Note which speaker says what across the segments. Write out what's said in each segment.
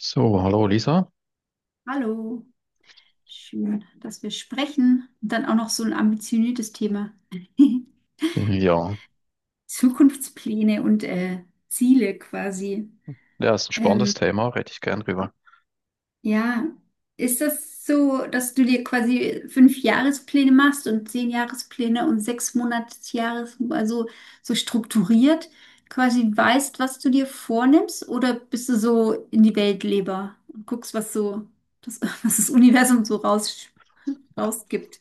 Speaker 1: So, hallo Lisa.
Speaker 2: Hallo, schön, dass wir sprechen. Und dann auch noch so ein ambitioniertes Thema.
Speaker 1: Ja,
Speaker 2: Zukunftspläne und Ziele quasi.
Speaker 1: ja, ist ein spannendes
Speaker 2: Ähm,
Speaker 1: Thema, rede ich gern drüber.
Speaker 2: ja, ist das so, dass du dir quasi fünf Jahrespläne machst und 10 Jahrespläne und sechs Monatsjahres, also so strukturiert quasi weißt, was du dir vornimmst? Oder bist du so in die Weltleber und guckst, was so das, was das Universum so rausgibt?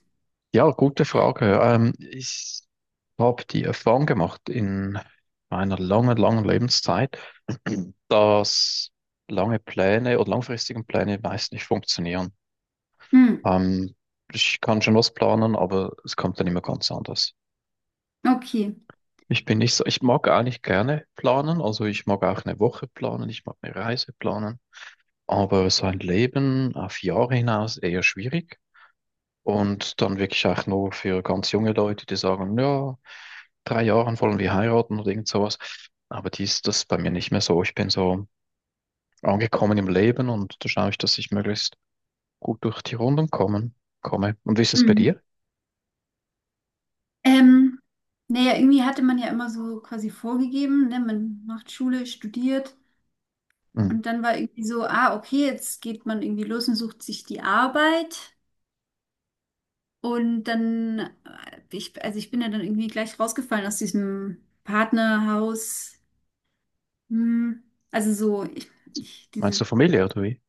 Speaker 1: Ja, gute Frage. Ich habe die Erfahrung gemacht in meiner langen, langen Lebenszeit, dass lange Pläne oder langfristigen Pläne meist nicht funktionieren.
Speaker 2: Hm,
Speaker 1: Ähm, ich kann schon was planen, aber es kommt dann immer ganz anders.
Speaker 2: okay.
Speaker 1: Ich bin nicht so, ich mag eigentlich gerne planen, also ich mag auch eine Woche planen, ich mag eine Reise planen, aber so ein Leben auf Jahre hinaus eher schwierig. Und dann wirklich auch nur für ganz junge Leute, die sagen, ja, drei Jahren wollen wir heiraten oder irgend sowas. Aber dies, das ist bei mir nicht mehr so. Ich bin so angekommen im Leben und da schaue ich, dass ich möglichst gut durch die Runden kommen, komme. Und wie ist es bei
Speaker 2: Hm.
Speaker 1: dir?
Speaker 2: Ähm, naja, irgendwie hatte man ja immer so quasi vorgegeben, ne? Man macht Schule, studiert
Speaker 1: Hm.
Speaker 2: und dann war irgendwie so, ah, okay, jetzt geht man irgendwie los und sucht sich die Arbeit. Und dann, also ich bin ja dann irgendwie gleich rausgefallen aus diesem Partnerhaus. Hm. Also so,
Speaker 1: Meinst du Familie oder wie?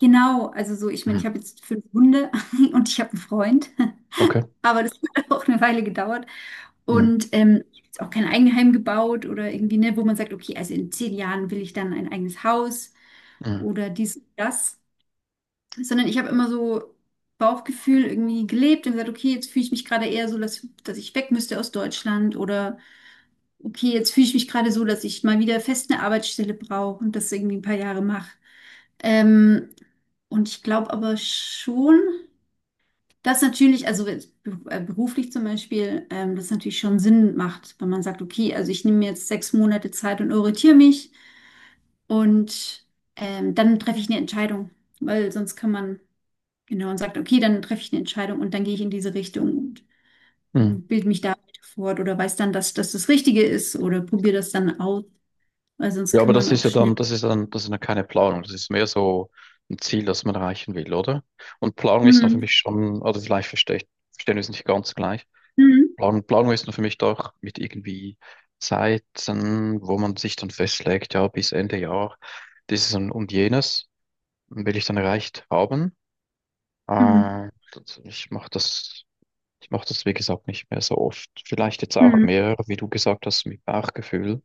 Speaker 2: genau, also so, ich meine,
Speaker 1: Hm.
Speaker 2: ich habe jetzt fünf Hunde und ich habe einen Freund,
Speaker 1: Okay.
Speaker 2: aber das hat auch eine Weile gedauert.
Speaker 1: Hm.
Speaker 2: Und ich habe jetzt auch kein Eigenheim gebaut oder irgendwie, ne, wo man sagt, okay, also in 10 Jahren will ich dann ein eigenes Haus
Speaker 1: Hm.
Speaker 2: oder dies, das. Sondern ich habe immer so Bauchgefühl irgendwie gelebt und gesagt, okay, jetzt fühle ich mich gerade eher so, dass ich weg müsste aus Deutschland oder okay, jetzt fühle ich mich gerade so, dass ich mal wieder fest eine Arbeitsstelle brauche und das irgendwie ein paar Jahre mache. Ähm, und ich glaube aber schon. Das natürlich, also jetzt beruflich zum Beispiel, das natürlich schon Sinn macht, wenn man sagt, okay, also ich nehme mir jetzt 6 Monate Zeit und orientiere mich und dann treffe ich eine Entscheidung, weil sonst kann man, genau, und sagt, okay, dann treffe ich eine Entscheidung und dann gehe ich in diese Richtung
Speaker 1: Hm.
Speaker 2: und bilde mich da weiter fort oder weiß dann, dass das das Richtige ist oder probiere das dann aus, weil sonst
Speaker 1: Ja, aber
Speaker 2: kann man
Speaker 1: das ist
Speaker 2: auch
Speaker 1: ja
Speaker 2: schnell.
Speaker 1: dann, das ist ja keine Planung. Das ist mehr so ein Ziel, das man erreichen will, oder? Und Planung ist noch für mich
Speaker 2: Mhm.
Speaker 1: schon, oder vielleicht verstehe ich, verstehen wir es nicht ganz gleich.
Speaker 2: Mhm.
Speaker 1: Plan Planung ist nur für mich doch mit irgendwie Zeiten, wo man sich dann festlegt, ja, bis Ende Jahr dieses und jenes will ich dann erreicht haben.
Speaker 2: Mhm.
Speaker 1: Äh, das- ich mache das, ich mache das, wie gesagt, nicht mehr so oft. Vielleicht jetzt auch
Speaker 2: Mhm.
Speaker 1: mehr, wie du gesagt hast, mit Bauchgefühl.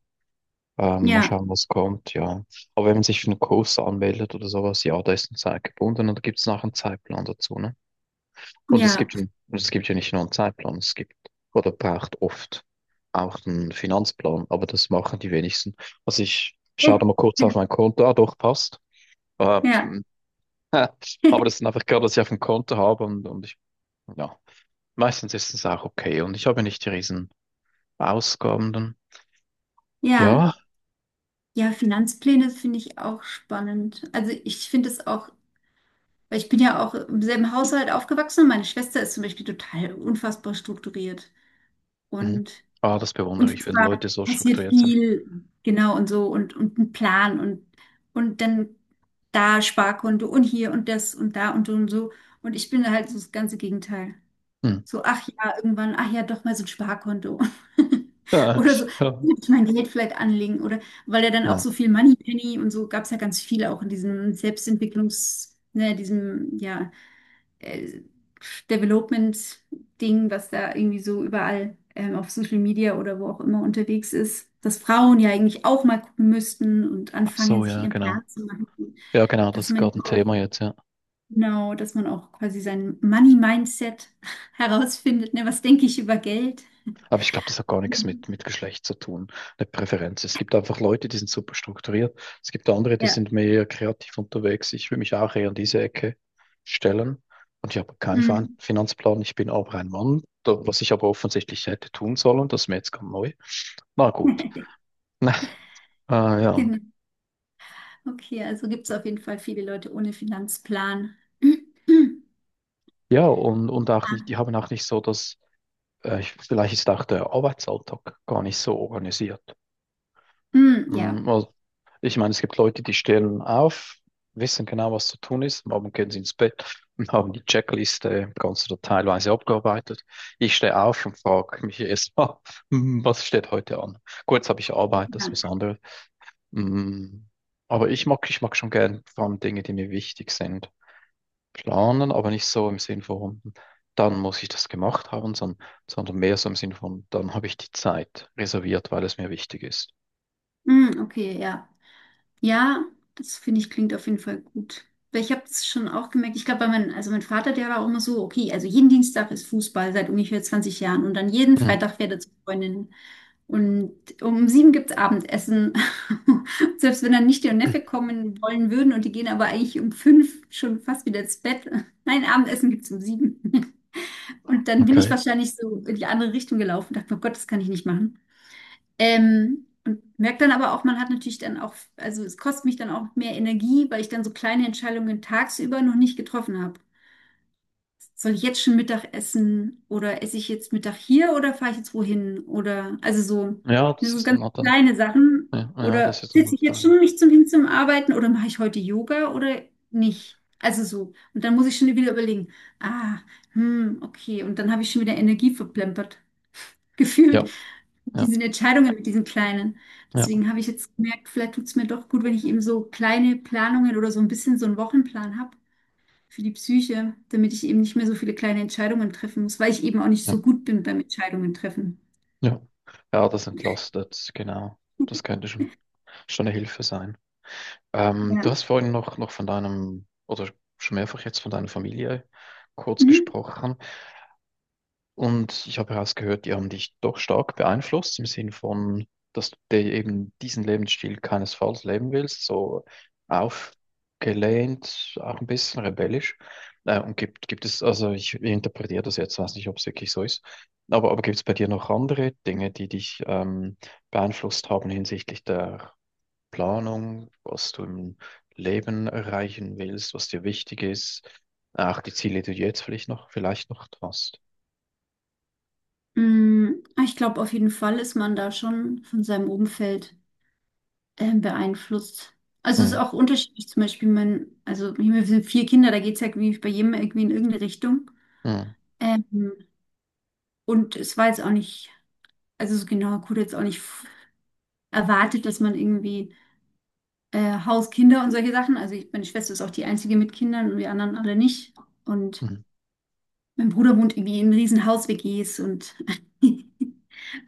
Speaker 1: Mal
Speaker 2: Ja,
Speaker 1: schauen, was kommt, ja. Aber wenn man sich für einen Kurs anmeldet oder sowas, ja, da ist eine Zeit gebunden und da gibt es nachher einen Zeitplan dazu, ne? Und es
Speaker 2: ja,
Speaker 1: gibt, ein- es gibt ja nicht nur einen Zeitplan, es gibt oder braucht oft auch einen Finanzplan, aber das machen die wenigsten. Also ich schaue da mal kurz
Speaker 2: ja,
Speaker 1: auf mein Konto, ah doch, passt. Äh,
Speaker 2: ja,
Speaker 1: hm, aber das ist einfach gerade, was ich auf dem Konto habe und ich, ja, meistens ist es auch okay und ich habe nicht die riesen Ausgaben dann. Ja,
Speaker 2: ja. Ja, Finanzpläne finde ich auch spannend. Also ich finde es auch, weil ich bin ja auch im selben Haushalt aufgewachsen und meine Schwester ist zum Beispiel total unfassbar strukturiert
Speaker 1: mhm.
Speaker 2: und
Speaker 1: Ah, das bewundere ich, wenn
Speaker 2: unfassbar
Speaker 1: Leute so
Speaker 2: passiert
Speaker 1: strukturiert sind.
Speaker 2: viel, genau und so und ein Plan und dann da Sparkonto und hier und das und da und so und so. Und ich bin halt so das ganze Gegenteil.
Speaker 1: Hm.
Speaker 2: So, ach ja, irgendwann, ach ja, doch mal so ein Sparkonto. Oder
Speaker 1: Ja.
Speaker 2: so, will ich mein Geld vielleicht anlegen. Oder weil er dann auch
Speaker 1: Ja.
Speaker 2: so viel Moneypenny und so gab es ja ganz viele auch in diesem Selbstentwicklungs, ne, diesem, ja, äh, Development-Ding, was da irgendwie so überall auf Social Media oder wo auch immer unterwegs ist, dass Frauen ja eigentlich auch mal gucken müssten und
Speaker 1: Ach
Speaker 2: anfangen,
Speaker 1: so,
Speaker 2: sich
Speaker 1: ja,
Speaker 2: ihren
Speaker 1: genau.
Speaker 2: Plan zu machen,
Speaker 1: Ja, genau, das
Speaker 2: dass
Speaker 1: ist
Speaker 2: man
Speaker 1: gerade ein Thema jetzt, ja.
Speaker 2: Genau, dass man auch quasi sein Money-Mindset herausfindet. Ne? Was denke ich über Geld?
Speaker 1: Aber ich glaube, das hat gar nichts
Speaker 2: Mhm.
Speaker 1: mit, mit Geschlecht zu tun, eine Präferenz. Es gibt einfach Leute, die sind super strukturiert. Es gibt andere, die
Speaker 2: Ja.
Speaker 1: sind mehr kreativ unterwegs. Ich will mich auch eher in diese Ecke stellen. Und ich habe keinen
Speaker 2: Mhm.
Speaker 1: Finanzplan. Ich bin aber ein Mann, was ich aber offensichtlich hätte tun sollen. Das ist mir jetzt ganz neu. Na gut. Na, ja.
Speaker 2: Genau. Okay, also gibt es auf jeden Fall viele Leute ohne Finanzplan.
Speaker 1: Ja, und auch nicht,
Speaker 2: Ah,
Speaker 1: die haben auch nicht so dass vielleicht ist auch der Arbeitsalltag gar nicht so organisiert.
Speaker 2: mm,
Speaker 1: Mm,
Speaker 2: ja.
Speaker 1: also ich meine, es gibt Leute, die stehen auf, wissen genau, was zu tun ist. Am Abend gehen sie ins Bett und haben die Checkliste ganz oder teilweise abgearbeitet. Ich stehe auf und frage mich erstmal, was steht heute an? Kurz habe ich Arbeit, das ist was
Speaker 2: Ja.
Speaker 1: anderes. Mm, aber ich mag schon gern vor allem Dinge, die mir wichtig sind, planen, aber nicht so im Sinn von, dann muss ich das gemacht haben, sondern, sondern mehr so im Sinn von, dann habe ich die Zeit reserviert, weil es mir wichtig ist.
Speaker 2: Mm, okay, ja. Ja, das finde ich klingt auf jeden Fall gut. Weil ich habe es schon auch gemerkt, ich glaube, also mein Vater, der war auch immer so, okay, also jeden Dienstag ist Fußball seit ungefähr 20 Jahren und dann jeden
Speaker 1: Mm,
Speaker 2: Freitag fährt er zu Freundinnen. Und um 7 gibt es Abendessen. Selbst wenn dann nicht und Neffe kommen wollen würden und die gehen aber eigentlich um 5 schon fast wieder ins Bett. Nein, Abendessen gibt es um 7. Und dann bin ich
Speaker 1: okay.
Speaker 2: wahrscheinlich so in die andere Richtung gelaufen und dachte, oh Gott, das kann ich nicht machen. Und merke dann aber auch, man hat natürlich dann auch, also es kostet mich dann auch mehr Energie, weil ich dann so kleine Entscheidungen tagsüber noch nicht getroffen habe. Soll ich jetzt schon Mittag essen oder esse ich jetzt Mittag hier oder fahre ich jetzt wohin? Oder also so,
Speaker 1: Ja,
Speaker 2: das
Speaker 1: das
Speaker 2: sind
Speaker 1: ist dann,
Speaker 2: ganz kleine Sachen.
Speaker 1: ja, ah ja, das
Speaker 2: Oder
Speaker 1: ist der
Speaker 2: sitze ich jetzt
Speaker 1: Nachteil.
Speaker 2: schon nicht zum hin zum Arbeiten oder mache ich heute Yoga oder nicht? Also so. Und dann muss ich schon wieder überlegen, ah, hm, okay. Und dann habe ich schon wieder Energie verplempert, gefühlt,
Speaker 1: Ja,
Speaker 2: mit
Speaker 1: ja,
Speaker 2: diesen Entscheidungen, mit diesen kleinen.
Speaker 1: ja,
Speaker 2: Deswegen habe ich jetzt gemerkt, vielleicht tut es mir doch gut, wenn ich eben so kleine Planungen oder so ein bisschen so einen Wochenplan habe für die Psyche, damit ich eben nicht mehr so viele kleine Entscheidungen treffen muss, weil ich eben auch nicht
Speaker 1: ja,
Speaker 2: so gut bin beim Entscheidungen treffen.
Speaker 1: ja. Ja, das entlastet, genau. Das könnte schon, schon eine Hilfe sein. Du
Speaker 2: Ja.
Speaker 1: hast vorhin noch, noch von deinem, oder schon mehrfach jetzt von deiner Familie kurz
Speaker 2: Mhm.
Speaker 1: gesprochen. Und ich habe herausgehört, die haben dich doch stark beeinflusst im Sinn von, dass du dir eben diesen Lebensstil keinesfalls leben willst, so aufgelehnt, auch ein bisschen rebellisch. Und gibt, gibt es, also ich interpretiere das jetzt, weiß nicht, ob es wirklich so ist, aber gibt es bei dir noch andere Dinge, die dich beeinflusst haben hinsichtlich der Planung, was du im Leben erreichen willst, was dir wichtig ist, auch die Ziele, die du jetzt vielleicht noch hast?
Speaker 2: Ich glaube, auf jeden Fall ist man da schon von seinem Umfeld beeinflusst. Also es ist
Speaker 1: Mhm.
Speaker 2: auch unterschiedlich, zum Beispiel also wir sind vier Kinder, da geht es ja irgendwie bei jedem irgendwie in irgendeine Richtung.
Speaker 1: Mhm.
Speaker 2: Ähm, und es war jetzt auch nicht, also so genau, gut, jetzt auch nicht erwartet, dass man irgendwie Haus, Kinder und solche Sachen, also meine Schwester ist auch die einzige mit Kindern und wir anderen alle nicht. Und
Speaker 1: Mhm.
Speaker 2: mein Bruder wohnt irgendwie in riesen Haus-WGs und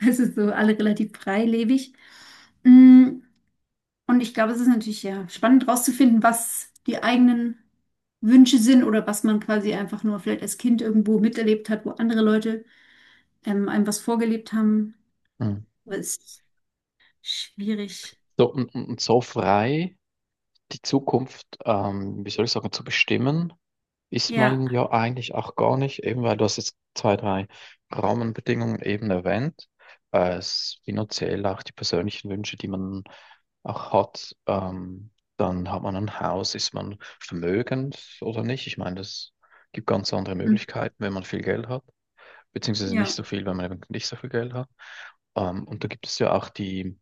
Speaker 2: es ist so alle relativ freilebig. Mm, Und ich glaube, es ist natürlich ja spannend rauszufinden, was die eigenen Wünsche sind oder was man quasi einfach nur vielleicht als Kind irgendwo miterlebt hat, wo andere Leute einem was vorgelebt haben.
Speaker 1: Mhm.
Speaker 2: Aber es ist schwierig.
Speaker 1: So, und so frei die Zukunft, wie soll ich sagen, zu bestimmen, ist
Speaker 2: Ja.
Speaker 1: man ja eigentlich auch gar nicht, eben weil du hast jetzt zwei, drei Rahmenbedingungen eben erwähnt, es finanziell auch die persönlichen Wünsche, die man auch hat, dann hat man ein Haus, ist man vermögend oder nicht? Ich meine, das gibt ganz andere
Speaker 2: Mm,
Speaker 1: Möglichkeiten, wenn man viel Geld hat, beziehungsweise nicht
Speaker 2: ja.
Speaker 1: so viel, wenn man eben nicht so viel Geld hat. Und da gibt es ja auch die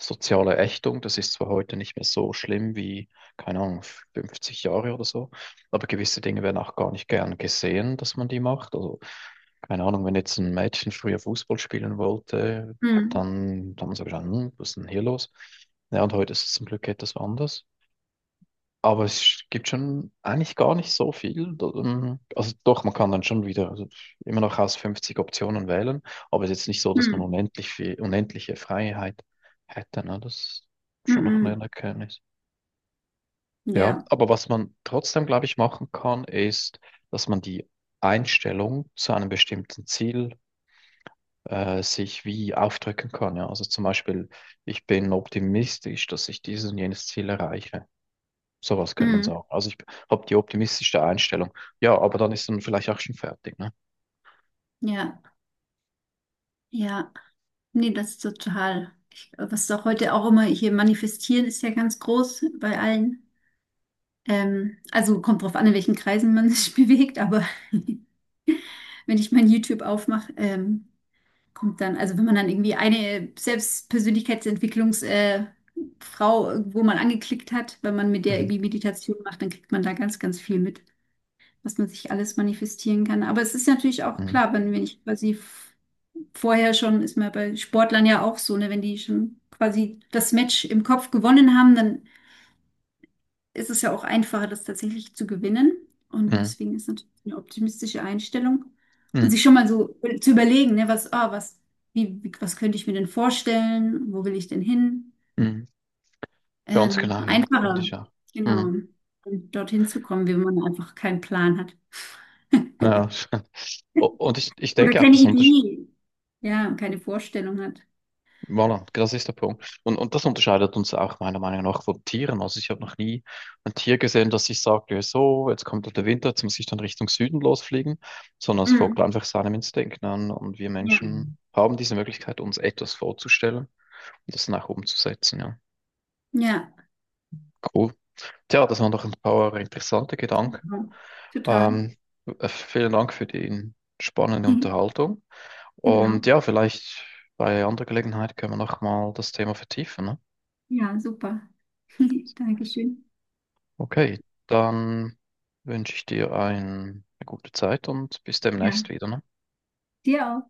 Speaker 1: soziale Ächtung. Das ist zwar heute nicht mehr so schlimm wie, keine Ahnung, 50 Jahre oder so, aber gewisse Dinge werden auch gar nicht gern gesehen, dass man die macht. Also, keine Ahnung, wenn jetzt ein Mädchen früher Fußball spielen wollte,
Speaker 2: Mm,
Speaker 1: dann, dann haben sie gesagt, "Hm, was ist denn hier los? Ja, und heute ist es zum Glück etwas anders. Aber es gibt schon eigentlich gar nicht so viel. Also doch, man kann dann schon wieder also immer noch aus 50 Optionen wählen, aber es ist jetzt nicht so, dass man
Speaker 2: mm,
Speaker 1: unendlich viel, unendliche Freiheit hätte. Ne? Das ist
Speaker 2: mm,
Speaker 1: schon noch
Speaker 2: mm.
Speaker 1: eine
Speaker 2: Mm.
Speaker 1: Erkenntnis. Ja,
Speaker 2: Ja.
Speaker 1: aber was man trotzdem, glaube ich, machen kann, ist, dass man die Einstellung zu einem bestimmten Ziel sich wie aufdrücken kann. Ja? Also zum Beispiel, ich bin optimistisch, dass ich dieses und jenes Ziel erreiche. Sowas könnte man
Speaker 2: Mm,
Speaker 1: sagen. Also ich habe die optimistischste Einstellung. Ja, aber dann ist man vielleicht auch schon fertig, ne?
Speaker 2: ja. Ja. Nee, das ist total. Ich, was doch heute auch immer hier manifestieren, ist ja ganz groß bei allen. Also kommt drauf an, in welchen Kreisen man sich bewegt, aber wenn ich mein YouTube aufmache, kommt dann, also wenn man dann irgendwie eine Selbstpersönlichkeitsentwicklungs, Frau irgendwo mal angeklickt hat, wenn man mit der
Speaker 1: Mhm.
Speaker 2: irgendwie Meditation macht, dann kriegt man da ganz, ganz viel mit, was man sich alles manifestieren kann. Aber es ist natürlich auch
Speaker 1: Mhm.
Speaker 2: klar, wenn ich quasi vorher schon ist man bei Sportlern ja auch so, ne, wenn die schon quasi das Match im Kopf gewonnen haben, dann ist es ja auch einfacher, das tatsächlich zu gewinnen. Und
Speaker 1: Mhm.
Speaker 2: deswegen ist natürlich eine optimistische Einstellung. Und
Speaker 1: Mhm.
Speaker 2: sich schon mal so zu überlegen, ne, was könnte ich mir denn vorstellen? Wo will ich denn hin?
Speaker 1: Mhm. Ganz genau, ja, finde
Speaker 2: Einfacher,
Speaker 1: ich auch.
Speaker 2: genau,
Speaker 1: Mhm.
Speaker 2: um dorthin zu kommen, wenn man einfach keinen Plan hat.
Speaker 1: Ja. Und ich
Speaker 2: Oder
Speaker 1: denke auch,
Speaker 2: keine
Speaker 1: das untersch
Speaker 2: Idee. Ja, und keine Vorstellung hat.
Speaker 1: voilà, das ist der Punkt. Und das unterscheidet uns auch meiner Meinung nach von Tieren. Also ich habe noch nie ein Tier gesehen, das sich sagt, ja, so, jetzt kommt halt der Winter, jetzt muss ich dann Richtung Süden losfliegen, sondern es folgt
Speaker 2: Mm,
Speaker 1: einfach seinem Instinkt, ne? Und wir
Speaker 2: ja,
Speaker 1: Menschen haben diese Möglichkeit, uns etwas vorzustellen und das dann auch umzusetzen, ja.
Speaker 2: ja,
Speaker 1: Cool. Tja, das waren doch ein paar interessante Gedanken.
Speaker 2: total.
Speaker 1: Ähm, vielen Dank für die spannende Unterhaltung. Und
Speaker 2: Genau.
Speaker 1: ja, vielleicht bei anderer Gelegenheit können wir nochmal das Thema vertiefen, ne?
Speaker 2: Ja, super. Dankeschön.
Speaker 1: Okay, dann wünsche ich dir ein, eine gute Zeit und bis demnächst
Speaker 2: Ja,
Speaker 1: wieder, ne?
Speaker 2: dir auch.